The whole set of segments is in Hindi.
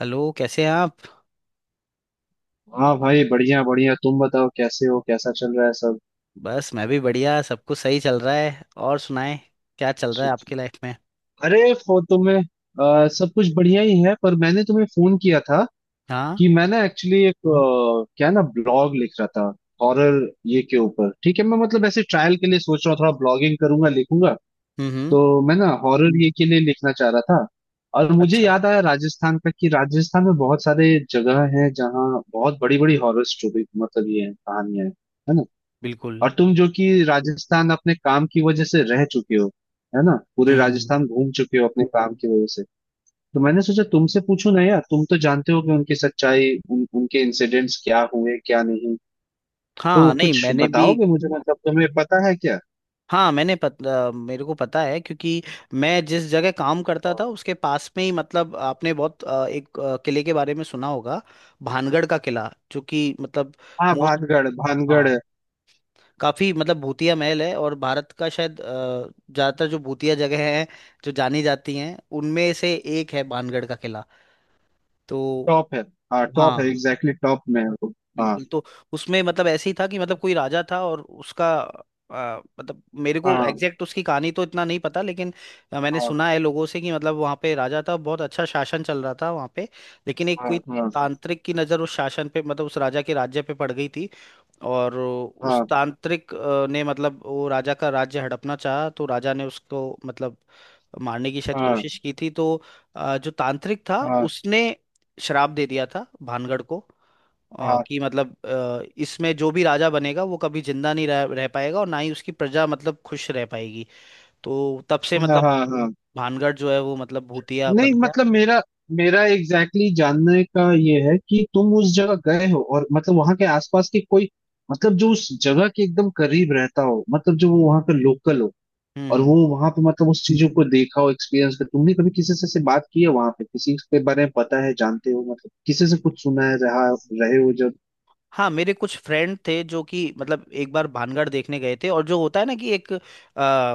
हेलो, कैसे हैं आप। हाँ भाई, बढ़िया बढ़िया। तुम बताओ, कैसे हो, कैसा चल रहा है सब? बस मैं भी बढ़िया, सब कुछ सही चल रहा है। और सुनाएं, क्या चल रहा अच्छा। है अच्छा। आपकी लाइफ में। अरे फो तुम्हें सब कुछ बढ़िया ही है, पर मैंने तुम्हें फोन किया था हाँ। कि मैं ना एक्चुअली एक क्या ना, ब्लॉग लिख रहा था हॉरर ये के ऊपर। ठीक है, मैं मतलब ऐसे ट्रायल के लिए सोच रहा हूँ, थोड़ा ब्लॉगिंग करूंगा, लिखूंगा। हम्म। तो मैं ना हॉरर ये के लिए लिखना चाह रहा था। और मुझे अच्छा। याद आया राजस्थान का, कि राजस्थान में बहुत सारे जगह हैं जहाँ बहुत बड़ी बड़ी हॉरर स्टोरी मतलब ये है, कहानियां हैं, है ना। बिल्कुल। और तुम जो कि राजस्थान अपने काम की वजह से रह चुके हो, है ना, पूरे हम्म हम्म। राजस्थान घूम चुके हो अपने काम की वजह से। तो मैंने सोचा तुमसे पूछूं ना यार, तुम तो जानते हो कि उनकी सच्चाई, उनके इंसिडेंट्स क्या हुए क्या नहीं। तो हाँ, नहीं कुछ मैंने भी। बताओगे मुझे, मतलब तुम्हें पता है क्या? हाँ मैंने मेरे को पता है क्योंकि मैं जिस जगह काम करता हाँ। था उसके पास में ही, मतलब आपने बहुत एक किले के बारे में सुना होगा, भानगढ़ का किला, जो कि मतलब हाँ, मोस्ट, भानगढ़ भानगढ़। काफी मतलब भूतिया महल है। और भारत का शायद ज्यादातर जो भूतिया जगह हैं, जो जानी जाती हैं, उनमें से एक है बाणगढ़ का किला। तो टॉप है। हाँ, टॉप है, हाँ, एग्जैक्टली टॉप में है वो। हाँ। बिल्कुल। तो उसमें मतलब ऐसे ही था कि मतलब कोई राजा था और उसका मतलब मेरे को हाँ। एग्जैक्ट उसकी कहानी तो इतना नहीं पता, लेकिन मैंने हाँ। सुना है लोगों से कि मतलब वहाँ पे राजा था, बहुत अच्छा शासन चल रहा था वहाँ पे। लेकिन एक हाँ। कोई हाँ। तांत्रिक की नज़र उस शासन पे, मतलब उस राजा के राज्य पे पड़ गई थी। और उस हाँ। तांत्रिक ने मतलब वो राजा का राज्य हड़पना चाहा, तो राजा ने उसको मतलब मारने की शायद हाँ। कोशिश की थी। तो जो तांत्रिक था हाँ। उसने श्राप दे दिया था भानगढ़ को, हाँ। कि मतलब इसमें जो भी राजा बनेगा वो कभी जिंदा नहीं रह पाएगा, और ना ही उसकी प्रजा मतलब खुश रह पाएगी। तो तब से हाँ। मतलब हाँ। हाँ। भानगढ़ जो है वो मतलब भूतिया बन नहीं, गया। मतलब मेरा मेरा एग्जैक्टली exactly जानने का ये है कि तुम उस जगह गए हो, और मतलब वहां के आसपास के कोई, मतलब जो उस जगह के एकदम करीब रहता हो, मतलब जो वो वहां का लोकल हो। हम्म और हम्म। वो वहां पे मतलब उस चीजों को देखा हो, एक्सपीरियंस कर, तुमने कभी किसी से बात की है वहां पे, किसी के बारे में पता है, जानते हो, मतलब किसी से कुछ सुना है, रहा रहे हो जब। हाँ, मेरे कुछ फ्रेंड थे जो कि मतलब एक बार भानगढ़ देखने गए थे। और जो होता है ना कि एक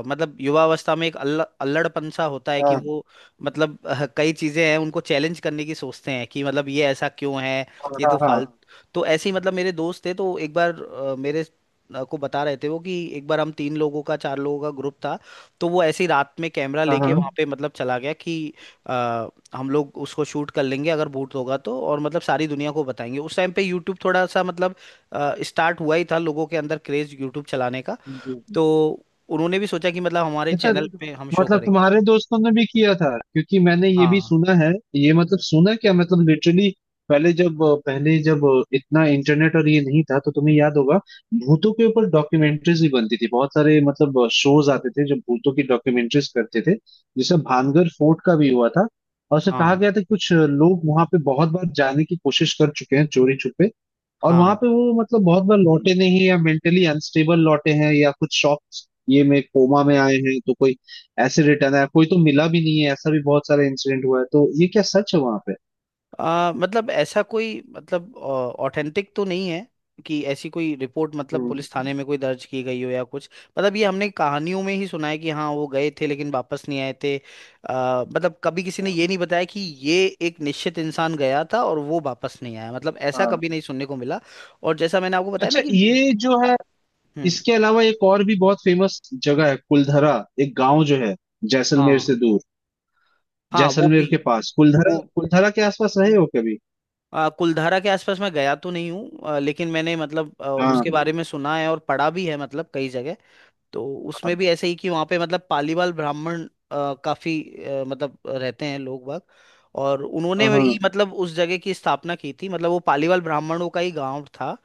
मतलब युवावस्था में एक अल्लड़पन सा होता है, कि हाँ। वो मतलब कई चीजें हैं, उनको चैलेंज करने की सोचते हैं कि मतलब ये ऐसा क्यों है। ये तो हाँ। हाँ। फाल, हाँ, तो ऐसे ही मतलब मेरे दोस्त थे। तो एक बार मेरे को बता रहे थे वो कि एक बार हम तीन लोगों का, चार लोगों का ग्रुप था। तो वो ऐसे ही रात में कैमरा हाँ। लेके हाँ। वहां पे मतलब चला गया कि हम लोग उसको शूट कर लेंगे अगर बूट होगा तो, और मतलब सारी दुनिया को बताएंगे। उस टाइम पे यूट्यूब थोड़ा सा मतलब स्टार्ट हुआ ही था, लोगों के अंदर क्रेज यूट्यूब चलाने का। हाँ। तो उन्होंने भी सोचा कि मतलब हमारे अच्छा। चैनल पे हम शो मतलब करेंगे तुम्हारे उसे। दोस्तों ने भी किया था, क्योंकि मैंने ये भी हाँ सुना है, ये मतलब सुना क्या मतलब लिटरली पहले जब पहले जब इतना इंटरनेट और ये नहीं था, तो तुम्हें याद होगा, भूतों के ऊपर डॉक्यूमेंट्रीज भी बनती थी, बहुत सारे मतलब शोज आते थे जो भूतों की डॉक्यूमेंट्रीज करते थे। जैसे भानगढ़ फोर्ट का भी हुआ था, और उसे कहा हाँ गया था कि कुछ लोग वहां पे बहुत बार जाने की कोशिश कर चुके हैं चोरी छुपे, और वहां हाँ। पे वो मतलब बहुत बार लौटे नहीं, या मेंटली अनस्टेबल लौटे हैं, या कुछ शॉक ये में कोमा में आए हैं, तो कोई ऐसे रिटर्न आया, कोई तो मिला भी नहीं है, ऐसा भी बहुत सारा इंसिडेंट हुआ है। तो ये क्या सच है वहां पे? मतलब ऐसा कोई मतलब ऑथेंटिक तो नहीं है कि ऐसी कोई रिपोर्ट मतलब हम्म। पुलिस थाने में कोई दर्ज की गई हो या कुछ। मतलब ये हमने कहानियों में ही सुना है कि हाँ वो गए थे लेकिन वापस नहीं आए थे। मतलब कभी किसी ने ये नहीं बताया कि ये एक निश्चित इंसान गया था और वो वापस नहीं आया, मतलब ऐसा हाँ। कभी नहीं सुनने को मिला। और जैसा मैंने आपको बताया ना अच्छा, कि ये जो है, हम्म। इसके अलावा एक और भी बहुत फेमस जगह है कुलधरा, एक गांव जो है जैसलमेर हाँ, से दूर, हाँ वो जैसलमेर भी। के पास। कुलधरा, वो कुलधरा के आसपास रहे हो कभी? कुलधारा के आसपास मैं गया तो नहीं हूँ, लेकिन मैंने मतलब हाँ। उसके बारे में सुना है और पढ़ा भी है मतलब कई जगह। तो उसमें भी ऐसे ही कि वहाँ पे मतलब पालीवाल ब्राह्मण काफी मतलब रहते हैं लोग बाग। और उन्होंने हाँ। ही हाँ। मतलब उस जगह की स्थापना की थी, मतलब वो पालीवाल ब्राह्मणों का ही गांव था,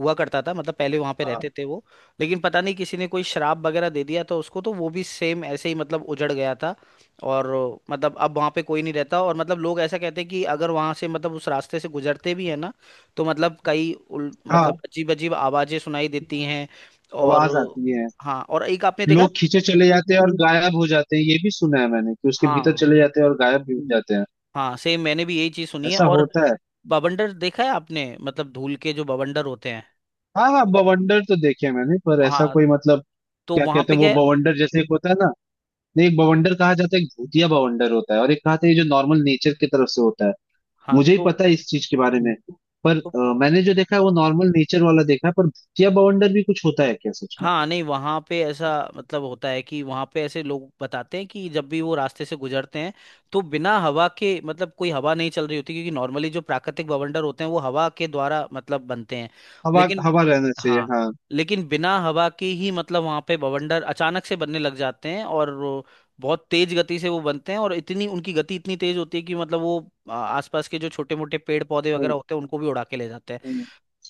हुआ करता था। मतलब पहले वहां पे हाँ। रहते थे वो। लेकिन पता नहीं किसी ने कोई शराब वगैरह दे दिया तो उसको, तो वो भी सेम ऐसे ही मतलब उजड़ गया था। और मतलब अब वहां पे कोई नहीं रहता। और मतलब लोग ऐसा कहते हैं कि अगर वहां से, मतलब उस रास्ते से गुजरते भी है ना, तो मतलब हाँ, मतलब अजीब अजीब आवाजें सुनाई देती हैं। और आवाज आती है। हाँ। हाँ, और एक आपने देखा लोग है। खींचे चले जाते हैं और गायब हो जाते हैं, ये भी सुना है मैंने, कि उसके भीतर हाँ, चले जाते हैं और गायब भी हो जाते हैं, हाँ सेम मैंने भी यही चीज सुनी है। ऐसा और होता है। बवंडर देखा है आपने, मतलब धूल के जो बवंडर होते हैं। हाँ हाँ, बवंडर तो देखे हैं मैंने, पर ऐसा हाँ, कोई मतलब, तो क्या वहां कहते पे हैं क्या वो है। बवंडर जैसे एक होता है ना। नहीं, एक बवंडर कहा जाता है, एक भूतिया बवंडर होता है और एक कहते हैं जो नॉर्मल नेचर की तरफ से होता है। हाँ, मुझे ही पता है इस चीज के बारे में। पर तो मैंने जो देखा है वो नॉर्मल नेचर वाला देखा है, पर भूतिया बवंडर भी कुछ होता है क्या सच में? हाँ, नहीं वहाँ पे ऐसा मतलब होता है कि वहाँ पे ऐसे लोग बताते हैं कि जब भी वो रास्ते से गुजरते हैं, तो बिना हवा के, मतलब कोई हवा नहीं चल रही होती, क्योंकि नॉर्मली जो प्राकृतिक बवंडर होते हैं वो हवा के द्वारा मतलब बनते हैं, हवा, लेकिन हवा रहना चाहिए हाँ, हाँ। लेकिन बिना हवा के ही मतलब वहाँ पे बवंडर अचानक से बनने लग जाते हैं। और वो बहुत तेज गति से वो बनते हैं, और इतनी उनकी गति इतनी तेज होती है कि मतलब वो आसपास के जो छोटे मोटे पेड़ पौधे वगैरह हम्म। होते हैं, उनको भी उड़ा के ले जाते हैं। हम्म।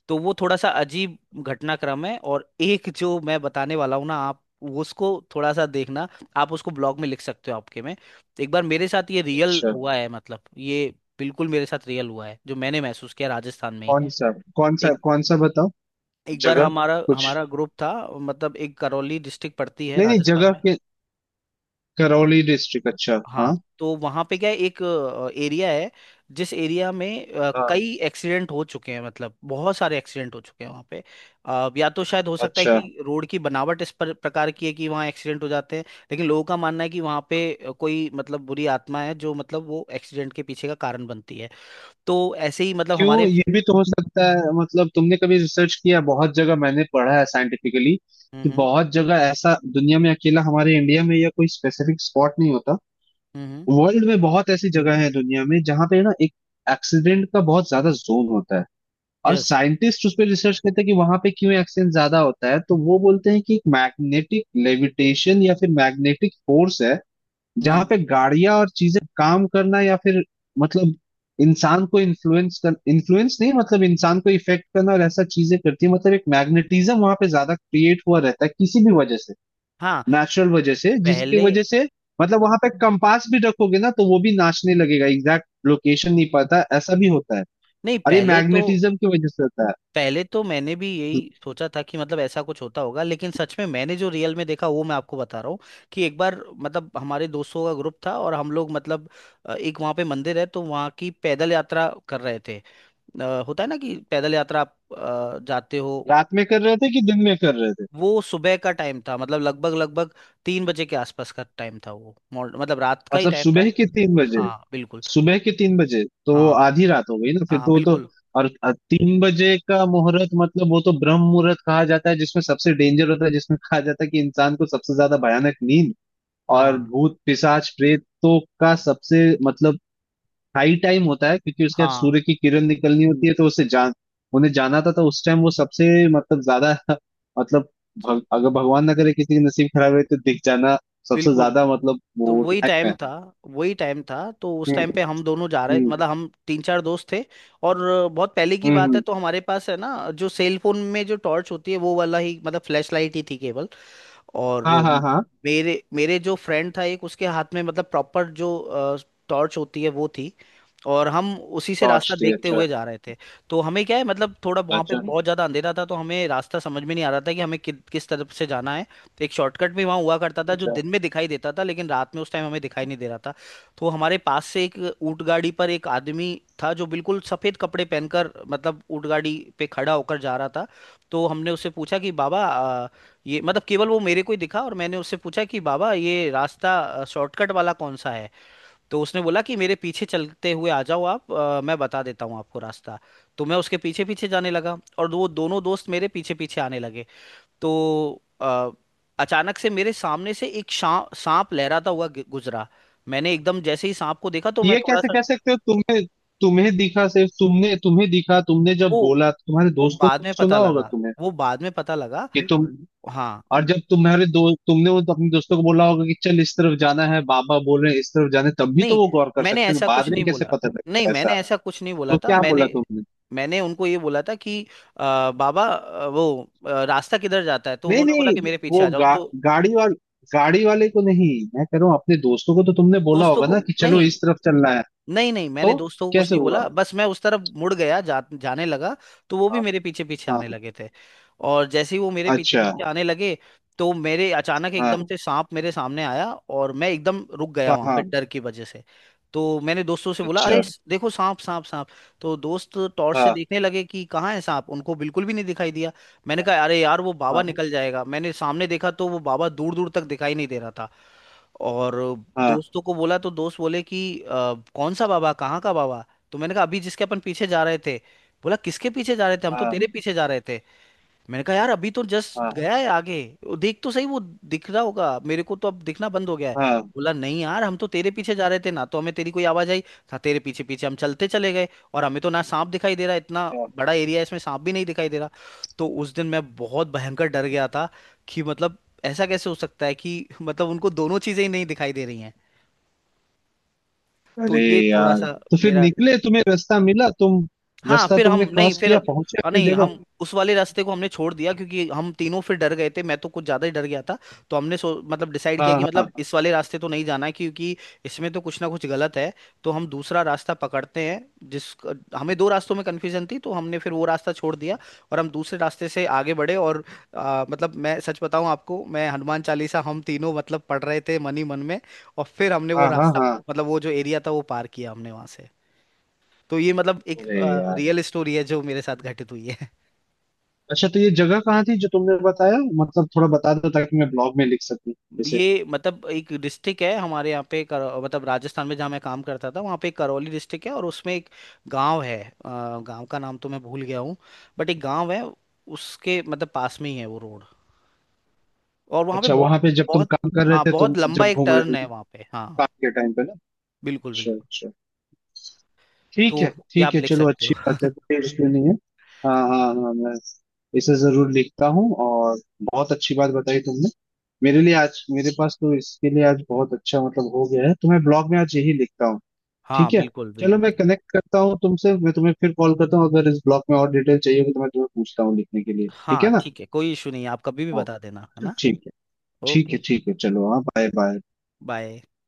तो वो थोड़ा सा अजीब घटनाक्रम है। और एक जो मैं बताने वाला हूँ ना आप, उसको थोड़ा सा देखना। आप उसको ब्लॉग में लिख सकते हो आपके में। एक बार मेरे साथ ये रियल अच्छा, हुआ है, मतलब ये बिल्कुल मेरे साथ रियल हुआ है, जो मैंने महसूस किया राजस्थान में ही। कौन सा? एक, कौन सा बताओ। एक बार जगह, हमारा कुछ, हमारा ग्रुप था। मतलब एक करौली डिस्ट्रिक्ट पड़ती है नहीं नहीं राजस्थान जगह में। के। करौली डिस्ट्रिक्ट अच्छा, हाँ, हाँ। तो वहां पे क्या है, एक एरिया है, जिस एरिया में हाँ। कई एक्सीडेंट हो चुके हैं, मतलब बहुत सारे एक्सीडेंट हो चुके हैं वहां पे। या तो शायद हो सकता है अच्छा, कि रोड की बनावट इस प्रकार की है कि वहाँ एक्सीडेंट हो जाते हैं। लेकिन लोगों का मानना है कि वहाँ पे कोई मतलब बुरी आत्मा है जो मतलब वो एक्सीडेंट के पीछे का कारण बनती है। तो ऐसे ही मतलब क्यों, हमारे ये भी तो हो सकता है मतलब, तुमने कभी रिसर्च किया, बहुत जगह मैंने पढ़ा है साइंटिफिकली, हम्म कि हम्म बहुत जगह ऐसा दुनिया में, अकेला हमारे इंडिया में या कोई स्पेसिफिक स्पॉट नहीं होता, हम्म। वर्ल्ड में बहुत ऐसी जगह है दुनिया में जहां पे ना एक एक्सीडेंट का बहुत ज्यादा जोन होता है। और यस। साइंटिस्ट उस पर रिसर्च करते हैं कि वहां पे क्यों एक्सीडेंट ज्यादा होता है, तो वो बोलते हैं कि एक मैग्नेटिक लेविटेशन या फिर मैग्नेटिक फोर्स है जहां हम्म। पे गाड़ियां और चीजें काम करना, या फिर मतलब इंसान को इन्फ्लुएंस कर, इन्फ्लुएंस नहीं मतलब इंसान को इफेक्ट करना, और ऐसा चीजें करती है, मतलब एक मैग्नेटिज्म वहां पे ज्यादा क्रिएट हुआ रहता है किसी भी वजह से, हाँ। नेचुरल वजह से, जिसकी पहले वजह से मतलब वहां पे कंपास भी रखोगे ना तो वो भी नाचने लगेगा, एग्जैक्ट लोकेशन नहीं पता, ऐसा भी होता है, नहीं और ये पहले तो मैग्नेटिज्म की वजह से होता है। पहले तो मैंने भी यही सोचा था कि मतलब ऐसा कुछ होता होगा, लेकिन सच में मैंने जो रियल में देखा वो मैं आपको बता रहा हूँ। कि एक बार मतलब हमारे दोस्तों का ग्रुप था और हम लोग मतलब एक वहाँ पे मंदिर है तो वहाँ की पैदल यात्रा कर रहे थे। होता है ना कि पैदल यात्रा आप जाते हो। रात में कर रहे थे कि दिन में कर रहे थे? वो सुबह का टाइम था, मतलब लगभग लगभग 3 बजे के आसपास का टाइम था। वो मॉर्न- मतलब रात का ही मतलब टाइम था। सुबह के तीन बजे? हाँ बिल्कुल। सुबह के तीन बजे तो वो हाँ आधी रात हो गई ना फिर, हाँ तो वो तो, बिल्कुल। और तीन बजे का मुहूर्त, मतलब वो तो ब्रह्म मुहूर्त कहा जाता है, जिसमें सबसे डेंजर होता है, जिसमें कहा जाता है कि इंसान को सबसे ज्यादा भयानक नींद, और हाँ भूत पिशाच प्रेतों का सबसे मतलब हाई टाइम होता है, क्योंकि उसके बाद हाँ सूर्य की किरण निकलनी होती है, तो उसे जान, उन्हें जाना था तो उस टाइम वो सबसे मतलब ज्यादा मतलब अगर भगवान ना करे किसी की नसीब खराब रहे तो दिख जाना सबसे बिल्कुल। ज्यादा मतलब तो वो टाइम वही टाइम था। तो उस है। टाइम पे हम दोनों जा रहे, हम्म। मतलब हम तीन चार दोस्त थे। और बहुत पहले की हम्म। बात है, हम्म। तो हमारे पास है ना जो सेल फोन में जो टॉर्च होती है वो वाला ही, मतलब फ्लैश लाइट ही थी केवल। और हाँ। हाँ। हाँ। मेरे मेरे जो फ्रेंड था एक, उसके हाथ में मतलब प्रॉपर जो टॉर्च होती है वो थी। और हम उसी से रास्ता टॉर्च थी, देखते अच्छा। हुए जा रहे थे। तो हमें क्या है, मतलब थोड़ा वहाँ पे अच्छा। बहुत ज़्यादा अंधेरा था तो हमें रास्ता समझ में नहीं आ रहा था कि हमें किस तरफ से जाना है। तो एक शॉर्टकट भी वहाँ हुआ करता था जो अच्छा, दिन में दिखाई देता था, लेकिन रात में उस टाइम हमें दिखाई नहीं दे रहा था। तो हमारे पास से एक ऊंट गाड़ी पर एक आदमी था, जो बिल्कुल सफ़ेद कपड़े पहनकर मतलब ऊंट गाड़ी पे खड़ा होकर जा रहा था। तो हमने उससे पूछा कि बाबा ये, मतलब केवल वो मेरे को ही दिखा, और मैंने उससे पूछा कि बाबा ये रास्ता शॉर्टकट वाला कौन सा है। तो उसने बोला कि मेरे पीछे चलते हुए आ जाओ आप, मैं बता देता हूँ आपको रास्ता। तो मैं उसके पीछे पीछे जाने लगा और वो दोनों दोस्त मेरे पीछे पीछे आने लगे। तो अचानक से मेरे सामने से एक सांप लहराता हुआ गुजरा। मैंने एकदम जैसे ही सांप को देखा तो मैं ये थोड़ा कैसे सा, कह सकते हो, तुम्हें, तुम्हें दिखा सिर्फ? तुमने, तुम्हें दिखा, तुमने जब वो बोला तुम्हारे वो दोस्तों बाद में ने पता सुना होगा लगा। तुम्हें वो बाद में पता लगा कि तुम, हाँ, और जब तुम्हारे दो, तुमने वो अपने दोस्तों को बोला होगा कि चल इस तरफ जाना है, बाबा बोल रहे हैं इस तरफ जाना है, तब भी तो नहीं वो गौर कर मैंने सकते हैं, ऐसा बाद कुछ में नहीं कैसे बोला। पता नहीं लगेगा ऐसा? मैंने ऐसा कुछ नहीं बोला तो था। क्या बोला मैंने तुमने? मैंने उनको ये बोला था कि बाबा वो रास्ता किधर जाता है, तो नहीं उन्होंने बोला नहीं, कि मेरे पीछे वो आ जाओ। तो गाड़ी वाल, गाड़ी वाले को नहीं, मैं कह रहा हूँ अपने दोस्तों को तो तुमने बोला दोस्तों होगा को ना कि चलो नहीं, इस तरफ चलना है। नहीं, नहीं मैंने तो दोस्तों को कुछ कैसे नहीं हुआ? बोला, बस मैं उस तरफ मुड़ गया, जाने लगा। तो वो भी मेरे पीछे पीछे हाँ। आने लगे थे। और जैसे ही वो मेरे पीछे अच्छा। पीछे आने लगे, तो मेरे अचानक हाँ। एकदम से सांप मेरे सामने आया और मैं एकदम रुक गया हाँ। वहां पे हाँ। डर की वजह से। तो मैंने दोस्तों से बोला, अरे अच्छा। देखो सांप सांप सांप। तो दोस्त टॉर्च से हाँ। देखने लगे कि कहाँ है सांप, उनको बिल्कुल भी नहीं दिखाई दिया। मैंने कहा अरे यार वो बाबा हाँ। निकल जाएगा। मैंने सामने देखा तो वो बाबा दूर दूर तक दिखाई नहीं दे रहा था। और हाँ। दोस्तों को बोला तो दोस्त बोले कि कौन सा बाबा, कहाँ का बाबा"। तो मैंने कहा अभी जिसके अपन पीछे जा रहे थे। बोला किसके पीछे जा रहे थे, हम तो हाँ। तेरे पीछे जा रहे थे। मैंने कहा यार अभी तो जस्ट हाँ। गया है आगे, वो देख तो सही, वो दिख रहा होगा, मेरे को तो अब दिखना बंद हो गया है। हाँ। बोला नहीं यार हम तो तेरे पीछे जा रहे थे ना, तो हमें तेरी कोई आवाज आई था, तेरे पीछे पीछे हम चलते चले गए। और हमें तो ना सांप दिखाई दे रहा, इतना अच्छा। बड़ा एरिया है इसमें सांप भी नहीं दिखाई दे रहा। तो उस दिन मैं बहुत भयंकर डर गया था कि मतलब ऐसा कैसे हो सकता है कि मतलब उनको दोनों चीजें ही नहीं दिखाई दे रही हैं। तो अरे ये थोड़ा यार, सा तो फिर मेरा, निकले, तुम्हें रास्ता मिला, तुम हाँ। रास्ता फिर तुमने हम नहीं क्रॉस फिर किया, हम्म, पहुंचे अपनी नहीं जगह? हम उस वाले रास्ते को हमने छोड़ दिया, क्योंकि हम तीनों फिर डर गए थे, मैं तो कुछ ज्यादा ही डर गया था। तो हमने सो मतलब डिसाइड किया हाँ। कि हाँ। मतलब इस वाले रास्ते तो नहीं जाना है, क्योंकि इसमें तो कुछ ना कुछ गलत है। तो हम दूसरा रास्ता पकड़ते हैं, जिस, हमें दो रास्तों में कन्फ्यूजन थी तो हमने फिर वो रास्ता छोड़ दिया। और हम दूसरे रास्ते से आगे बढ़े। और मतलब मैं सच बताऊं आपको, मैं हनुमान चालीसा हम तीनों मतलब पढ़ रहे थे मन ही मन में। और फिर हमने वो हाँ। हाँ। रास्ता हाँ। मतलब वो जो एरिया था, वो पार किया हमने वहां से। तो ये मतलब एक अरे यार, रियल स्टोरी है जो मेरे साथ घटित हुई है। अच्छा, तो ये जगह कहाँ थी जो तुमने बताया, मतलब थोड़ा बता दो ताकि मैं ब्लॉग में लिख सकूं, जैसे। ये मतलब एक डिस्ट्रिक्ट है हमारे यहाँ पे मतलब राजस्थान में जहाँ मैं काम करता था, वहाँ पे एक करौली डिस्ट्रिक्ट है। और उसमें एक गांव है, गांव का नाम तो मैं भूल गया हूँ, बट एक गांव है, उसके मतलब पास में ही है वो रोड। और वहाँ पे अच्छा, बहुत वहां पे जब तुम बहुत, काम कर रहे हाँ, थे, तुम बहुत लंबा जब एक घूम टर्न रहे, है वहाँ पे। काम हाँ, के टाइम पे ना। बिल्कुल अच्छा, बिल्कुल। अच्छा। तो ठीक है, ये ठीक आप है, लिख चलो सकते अच्छी हो। बात है, कोई इश्यू नहीं है। हाँ हाँ हाँ, मैं इसे जरूर लिखता हूँ, और बहुत अच्छी बात बताई तुमने, मेरे लिए आज, मेरे पास तो इसके लिए आज बहुत अच्छा मतलब हो गया है, तो मैं ब्लॉग में आज यही लिखता हूँ। हाँ, ठीक है, बिल्कुल चलो बिल्कुल मैं बिल्कुल। कनेक्ट करता हूँ तुमसे, मैं तुम्हें फिर कॉल करता हूँ, अगर इस ब्लॉग में और डिटेल चाहिए होगी तो मैं तुम्हें पूछता हूँ लिखने के लिए, ठीक हाँ, है ना? ठीक है, कोई इशू नहीं है, आप कभी भी ओ, बता देना, है ना। ठीक है। ठीक है, ओके। ठीक है, चलो, हाँ, बाय बाय। बाय।